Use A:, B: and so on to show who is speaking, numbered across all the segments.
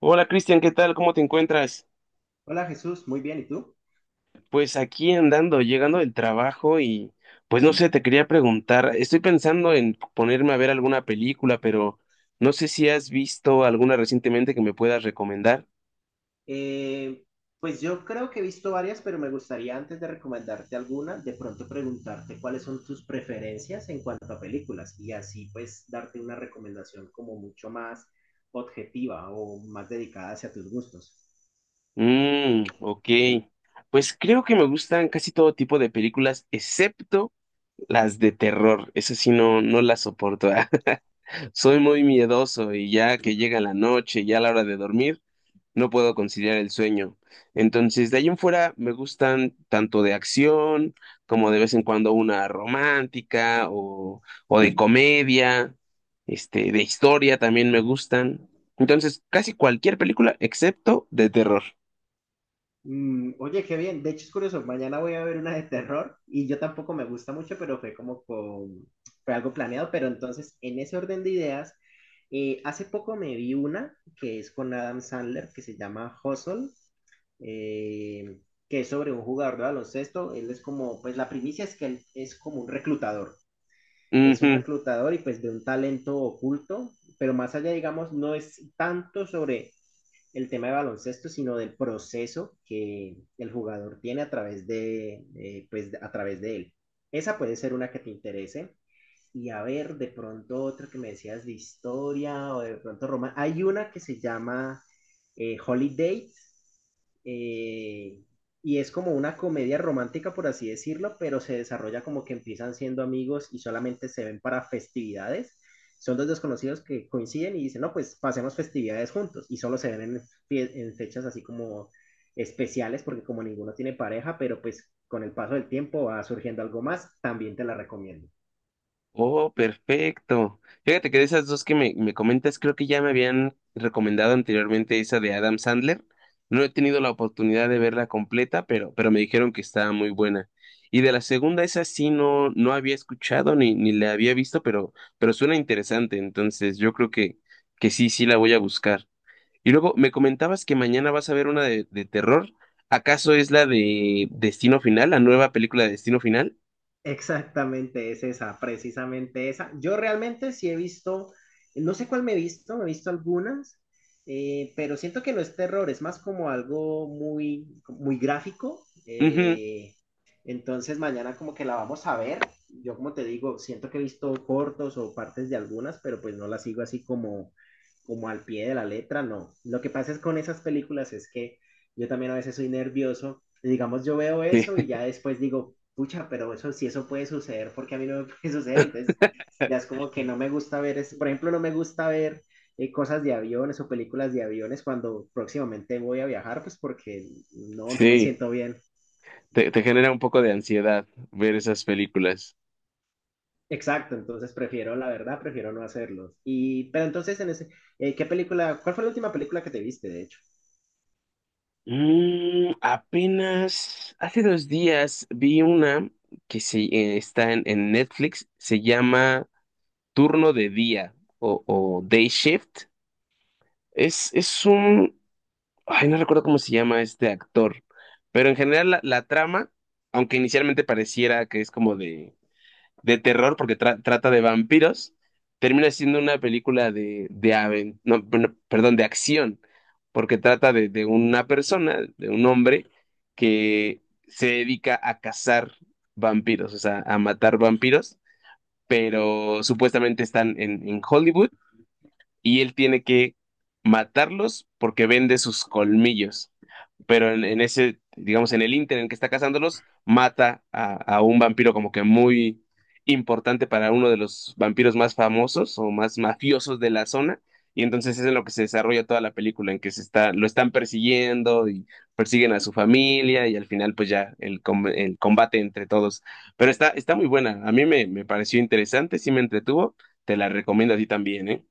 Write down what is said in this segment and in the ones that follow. A: Hola Cristian, ¿qué tal? ¿Cómo te encuentras?
B: Hola Jesús, muy bien, ¿y tú?
A: Pues aquí andando, llegando del trabajo y pues no sé, te quería preguntar, estoy pensando en ponerme a ver alguna película, pero no sé si has visto alguna recientemente que me puedas recomendar.
B: Eh, pues yo creo que he visto varias, pero me gustaría antes de recomendarte alguna, de pronto preguntarte cuáles son tus preferencias en cuanto a películas y así pues darte una recomendación como mucho más objetiva o más dedicada hacia tus gustos.
A: Mmm, ok. Pues creo que me gustan casi todo tipo de películas, excepto las de terror. Esas sí no, no las soporto. Soy muy miedoso y ya que llega la noche, ya a la hora de dormir. No puedo conciliar el sueño. Entonces, de ahí en fuera me gustan tanto de acción como de vez en cuando una romántica o de comedia, este, de historia también me gustan. Entonces, casi cualquier película excepto de terror.
B: Mm, oye, qué bien. De hecho, es curioso. Mañana voy a ver una de terror y yo tampoco me gusta mucho, pero fue como con... fue algo planeado. Pero entonces, en ese orden de ideas, hace poco me vi una que es con Adam Sandler que se llama Hustle, eh, que es sobre un jugador de baloncesto. Él es como, pues la primicia es que él es como un reclutador. Es un
A: Ujú.
B: reclutador y pues de un talento oculto, pero más allá, digamos, no es tanto sobre el tema de baloncesto, sino del proceso que el jugador tiene a través de, pues, a través de él. Esa puede ser una que te interese y a ver, de pronto otra que me decías de historia o de pronto Roma. Hay una que se llama Holiday eh, y es como una comedia romántica, por así decirlo, pero se desarrolla como que empiezan siendo amigos y solamente se ven para festividades. Son dos desconocidos que coinciden y dicen, no, pues pasemos festividades juntos y solo se ven en, en fechas así como especiales porque como ninguno tiene pareja, pero pues con el paso del tiempo va surgiendo algo más, también te la recomiendo.
A: Oh, perfecto. Fíjate que de esas dos que me comentas, creo que ya me habían recomendado anteriormente esa de Adam Sandler. No he tenido la oportunidad de verla completa, pero me dijeron que estaba muy buena. Y de la segunda, esa sí no, no había escuchado ni la había visto, pero suena interesante. Entonces, que sí, sí la voy a buscar. Y luego me comentabas que mañana vas a ver una de terror. ¿Acaso es la de Destino Final, la nueva película de Destino Final?
B: Exactamente, es esa, precisamente esa. Yo realmente sí he visto, no sé cuál me he visto algunas, pero siento que no es terror, es más como algo muy, muy gráfico.
A: Ujú.
B: Entonces mañana como que la vamos a ver. Yo como te digo, siento que he visto cortos o partes de algunas, pero pues no las sigo así como, como al pie de la letra, no. Lo que pasa es con esas películas es que yo también a veces soy nervioso. Y digamos, yo veo eso y ya después digo, pucha, pero eso si eso puede suceder, porque a mí no me puede suceder. Entonces, ya es como que no me gusta ver, es, por ejemplo, no me gusta ver cosas de aviones o películas de aviones cuando próximamente voy a viajar, pues porque no, no me
A: Sí.
B: siento bien.
A: Te genera un poco de ansiedad ver esas películas.
B: Exacto, entonces prefiero, la verdad, prefiero no hacerlo. Y, pero entonces, en ese, ¿qué película, cuál fue la última película que te viste, de hecho?
A: Mm, apenas hace 2 días vi una que está en Netflix, se llama Turno de Día o Day Shift. Es un, ay, no recuerdo cómo se llama este actor, pero en general la trama, aunque inicialmente pareciera que es como de terror porque trata de vampiros, termina siendo una película de aven- no, bueno, perdón, de acción, porque trata de una persona, de un hombre que se dedica a cazar vampiros, o sea, a matar vampiros, pero supuestamente están en Hollywood y él tiene que matarlos porque vende sus colmillos, pero en ese, digamos, en el ínter en que está cazándolos, mata a un vampiro como que muy importante para uno de los vampiros más famosos o más mafiosos de la zona. Y entonces es en lo que se desarrolla toda la película, en que se está, lo están persiguiendo y persiguen a su familia y al final pues ya el combate entre todos. Pero está, está muy buena, a mí me pareció interesante, sí me entretuvo, te la recomiendo a ti también, ¿eh?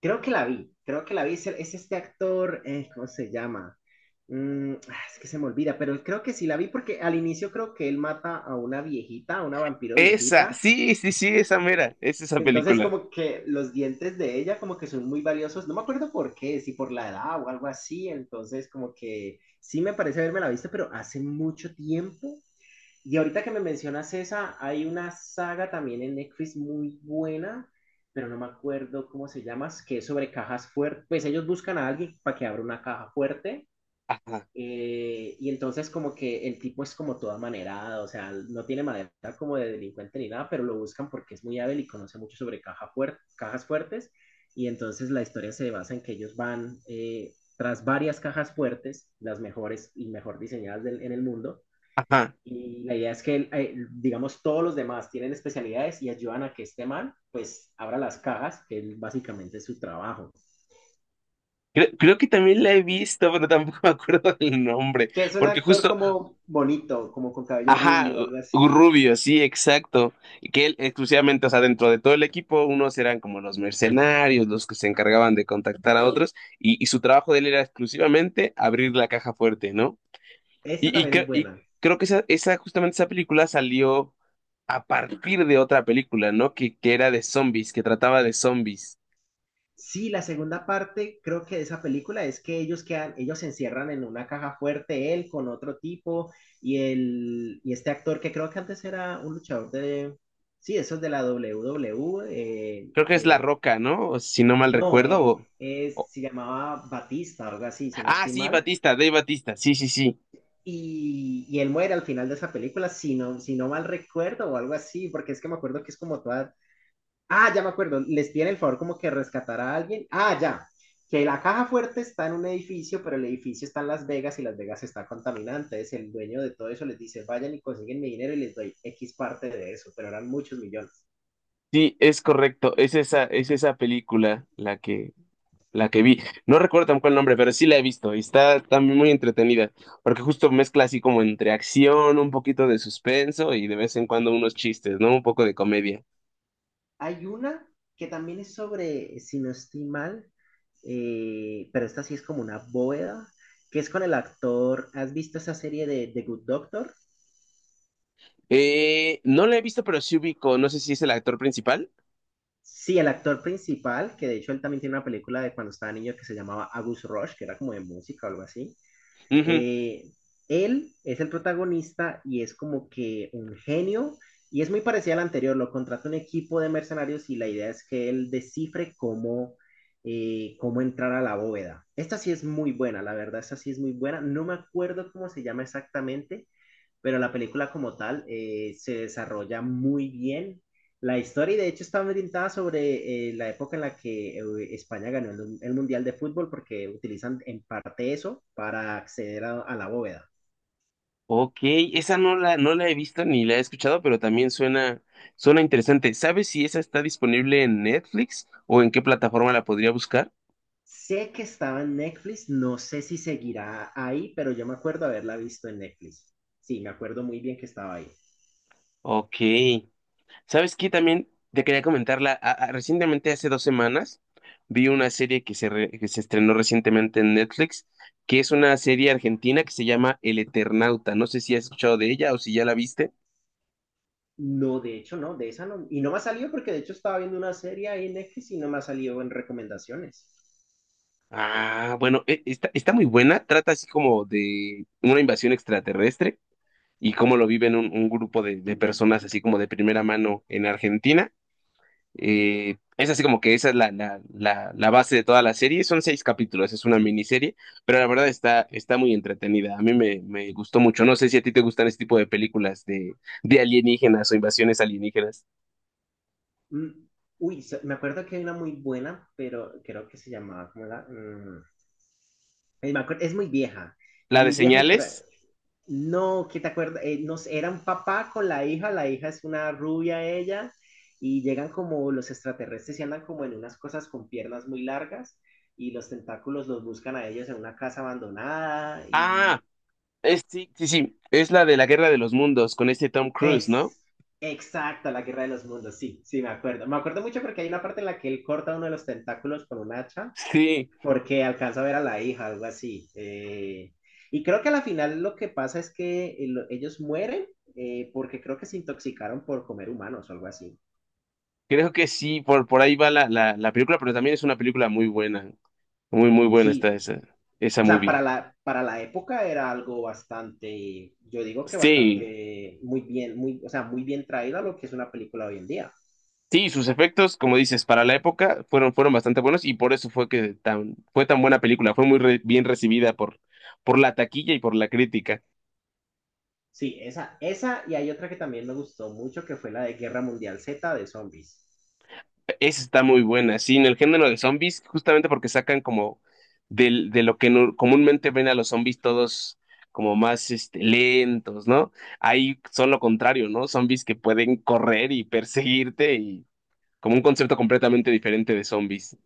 B: Creo que la vi, creo que la vi. Es, es este actor, ¿cómo se llama? Mm, ah, es que se me olvida, pero creo que sí la vi porque al inicio creo que él mata a una viejita, a una vampiro
A: Esa,
B: viejita.
A: sí, sí, sí, esa mera, es esa
B: Entonces
A: película.
B: como que los dientes de ella como que son muy valiosos. No me acuerdo por qué, si por la edad o algo así. Entonces como que sí me parece haberme la visto, pero hace mucho tiempo. Y ahorita que me mencionas esa, hay una saga también en Netflix muy buena, pero no me acuerdo cómo se llama, que es sobre cajas fuertes. Pues ellos buscan a alguien para que abra una caja fuerte.
A: Ajá,
B: Y entonces como que el tipo es como toda manerada, o sea, no tiene manera como de delincuente ni nada, pero lo buscan porque es muy hábil y conoce mucho sobre cajas fuertes. Y entonces la historia se basa en que ellos van tras varias cajas fuertes, las mejores y mejor diseñadas en el mundo
A: ajá.
B: y la idea es que, digamos, todos los demás tienen especialidades y ayudan a que este man, pues, abra las cajas, que es básicamente su trabajo.
A: Creo que también la he visto, pero tampoco me acuerdo del nombre,
B: Que es un
A: porque
B: actor
A: justo,
B: como bonito, como con cabello
A: ajá,
B: rubio, algo así.
A: Rubio, sí, exacto, y que él exclusivamente, o sea, dentro de todo el equipo, unos eran como los mercenarios, los que se encargaban de contactar a otros, y su trabajo de él era exclusivamente abrir la caja fuerte, ¿no?
B: Esta
A: Y, y,
B: también es
A: cre- y
B: buena.
A: creo que esa, justamente esa película salió a partir de otra película, ¿no? Que era de zombies, que trataba de zombies.
B: Sí, la segunda parte, creo que de esa película es que ellos quedan, ellos se encierran en una caja fuerte, él con otro tipo, y, el, y este actor que creo que antes era un luchador de, sí, eso es de la WWE,
A: Creo que es La Roca, ¿no? O si no mal
B: no,
A: recuerdo, o...
B: se llamaba Batista, algo así, si no
A: Ah,
B: estoy
A: sí,
B: mal.
A: Batista, Dave Batista, sí, sí, sí,
B: Y él muere al final de esa película, si no, si no mal recuerdo o algo así, porque es que me acuerdo que es como toda... Ah, ya me acuerdo, les piden el favor como que rescatar a alguien. Ah, ya, que la caja fuerte está en un edificio, pero el edificio está en Las Vegas y Las Vegas está contaminante. Entonces el dueño de todo eso les dice, vayan y consiguen mi dinero y les doy X parte de eso, pero eran muchos millones.
A: sí, es correcto, es esa película la que vi. No recuerdo tampoco el nombre, pero sí la he visto y está también muy entretenida, porque justo mezcla así como entre acción, un poquito de suspenso y de vez en cuando unos chistes, ¿no? Un poco de comedia.
B: Hay una que también es sobre, si no estoy mal, pero esta sí es como una bóveda, que es con el actor, ¿has visto esa serie de The Good Doctor?
A: No la he visto, pero sí ubico, no sé si es el actor principal.
B: Sí, el actor principal, que de hecho él también tiene una película de cuando estaba niño que se llamaba Agus Rosh, que era como de música o algo así. Eh, Él es el protagonista y es como que un genio y es muy parecido al anterior. Lo contrata un equipo de mercenarios y la idea es que él descifre cómo, cómo entrar a la bóveda. Esta sí es muy buena, la verdad, esta sí es muy buena. No me acuerdo cómo se llama exactamente, pero la película como tal se desarrolla muy bien. La historia, y de hecho, está orientada sobre la época en la que España ganó Mundial de Fútbol, porque utilizan en parte eso para acceder a la bóveda.
A: Ok, esa no la he visto ni la he escuchado, pero también suena, suena interesante. ¿Sabes si esa está disponible en Netflix o en qué plataforma la podría buscar?
B: Sé que estaba en Netflix, no sé si seguirá ahí, pero yo me acuerdo haberla visto en Netflix. Sí, me acuerdo muy bien que estaba ahí.
A: Ok. ¿Sabes qué? También te quería comentarla. Recientemente, hace 2 semanas, vi una serie que que se estrenó recientemente en Netflix, que es una serie argentina que se llama El Eternauta. No sé si has escuchado de ella o si ya la viste.
B: No, de hecho, no, de esa no. Y no me ha salido porque de hecho estaba viendo una serie ahí en Netflix y no me ha salido en recomendaciones.
A: Ah, bueno, está, está muy buena. Trata así como de una invasión extraterrestre y cómo lo viven un grupo de personas así como de primera mano en Argentina. Es así como que esa es la base de toda la serie. Son 6 capítulos, es una miniserie, pero la verdad está, está muy entretenida. A mí me gustó mucho. No sé si a ti te gustan este tipo de películas de alienígenas o invasiones alienígenas.
B: Mm, uy, me acuerdo que hay una muy buena, pero creo que se llamaba como la... eh, me acuer- es muy vieja,
A: La
B: es
A: de
B: muy vieja y...
A: señales.
B: no, ¿qué te acuerdas? No sé, era un papá con la hija es una rubia ella, y llegan como los extraterrestres y andan como en unas cosas con piernas muy largas, y los tentáculos los buscan a ellos en una casa abandonada, y
A: Ah, es, sí, sí, sí. Es la de la Guerra de los Mundos con este Tom Cruise, ¿no?
B: es exacta la Guerra de los Mundos, sí, sí, me acuerdo. Me acuerdo mucho porque hay una parte en la que él corta uno de los tentáculos con un hacha
A: Sí,
B: porque alcanza a ver a la hija, algo así. Y creo que a la final lo que pasa es que ellos mueren porque creo que se intoxicaron por comer humanos o algo así.
A: creo que sí. Por ahí va la película, pero también es una película muy buena. Muy, muy buena está
B: Sí,
A: esa, esa
B: o sea,
A: movie.
B: para para la época era algo bastante, yo digo que
A: Sí,
B: bastante, muy bien, muy, o sea, muy bien traído a lo que es una película hoy en día.
A: sí, sus efectos, como dices, para la época fueron bastante buenos y por eso fue que fue tan buena película. Fue bien recibida por la taquilla y por la crítica.
B: Sí, esa, y hay otra que también me gustó mucho, que fue la de Guerra Mundial Z de zombies.
A: Esa está muy buena. Sí, en el género de zombies, justamente porque sacan como del, de lo que comúnmente ven a los zombies todos como más este, lentos, ¿no? Ahí son lo contrario, ¿no? Zombies que pueden correr y perseguirte y como un concepto completamente diferente de zombies.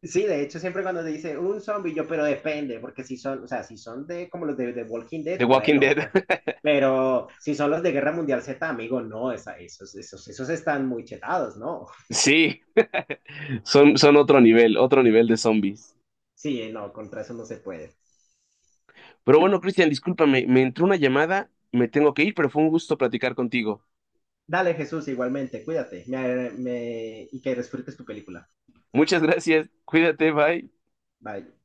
B: Sí, de hecho, siempre cuando te dice un zombie, yo, pero depende, porque si son, o sea, si son de como los de Walking Dead,
A: The Walking
B: bueno,
A: Dead.
B: pues, pero si son los de Guerra Mundial Z, amigo, no, esa, esos, esos, esos están muy chetados, ¿no?
A: Sí, son, son otro nivel de zombies.
B: Sí, no, contra eso no se puede.
A: Pero bueno, Cristian, discúlpame, me entró una llamada, me tengo que ir, pero fue un gusto platicar contigo.
B: Dale, Jesús, igualmente, cuídate y que disfrutes tu película.
A: Muchas gracias, cuídate, bye.
B: Bye.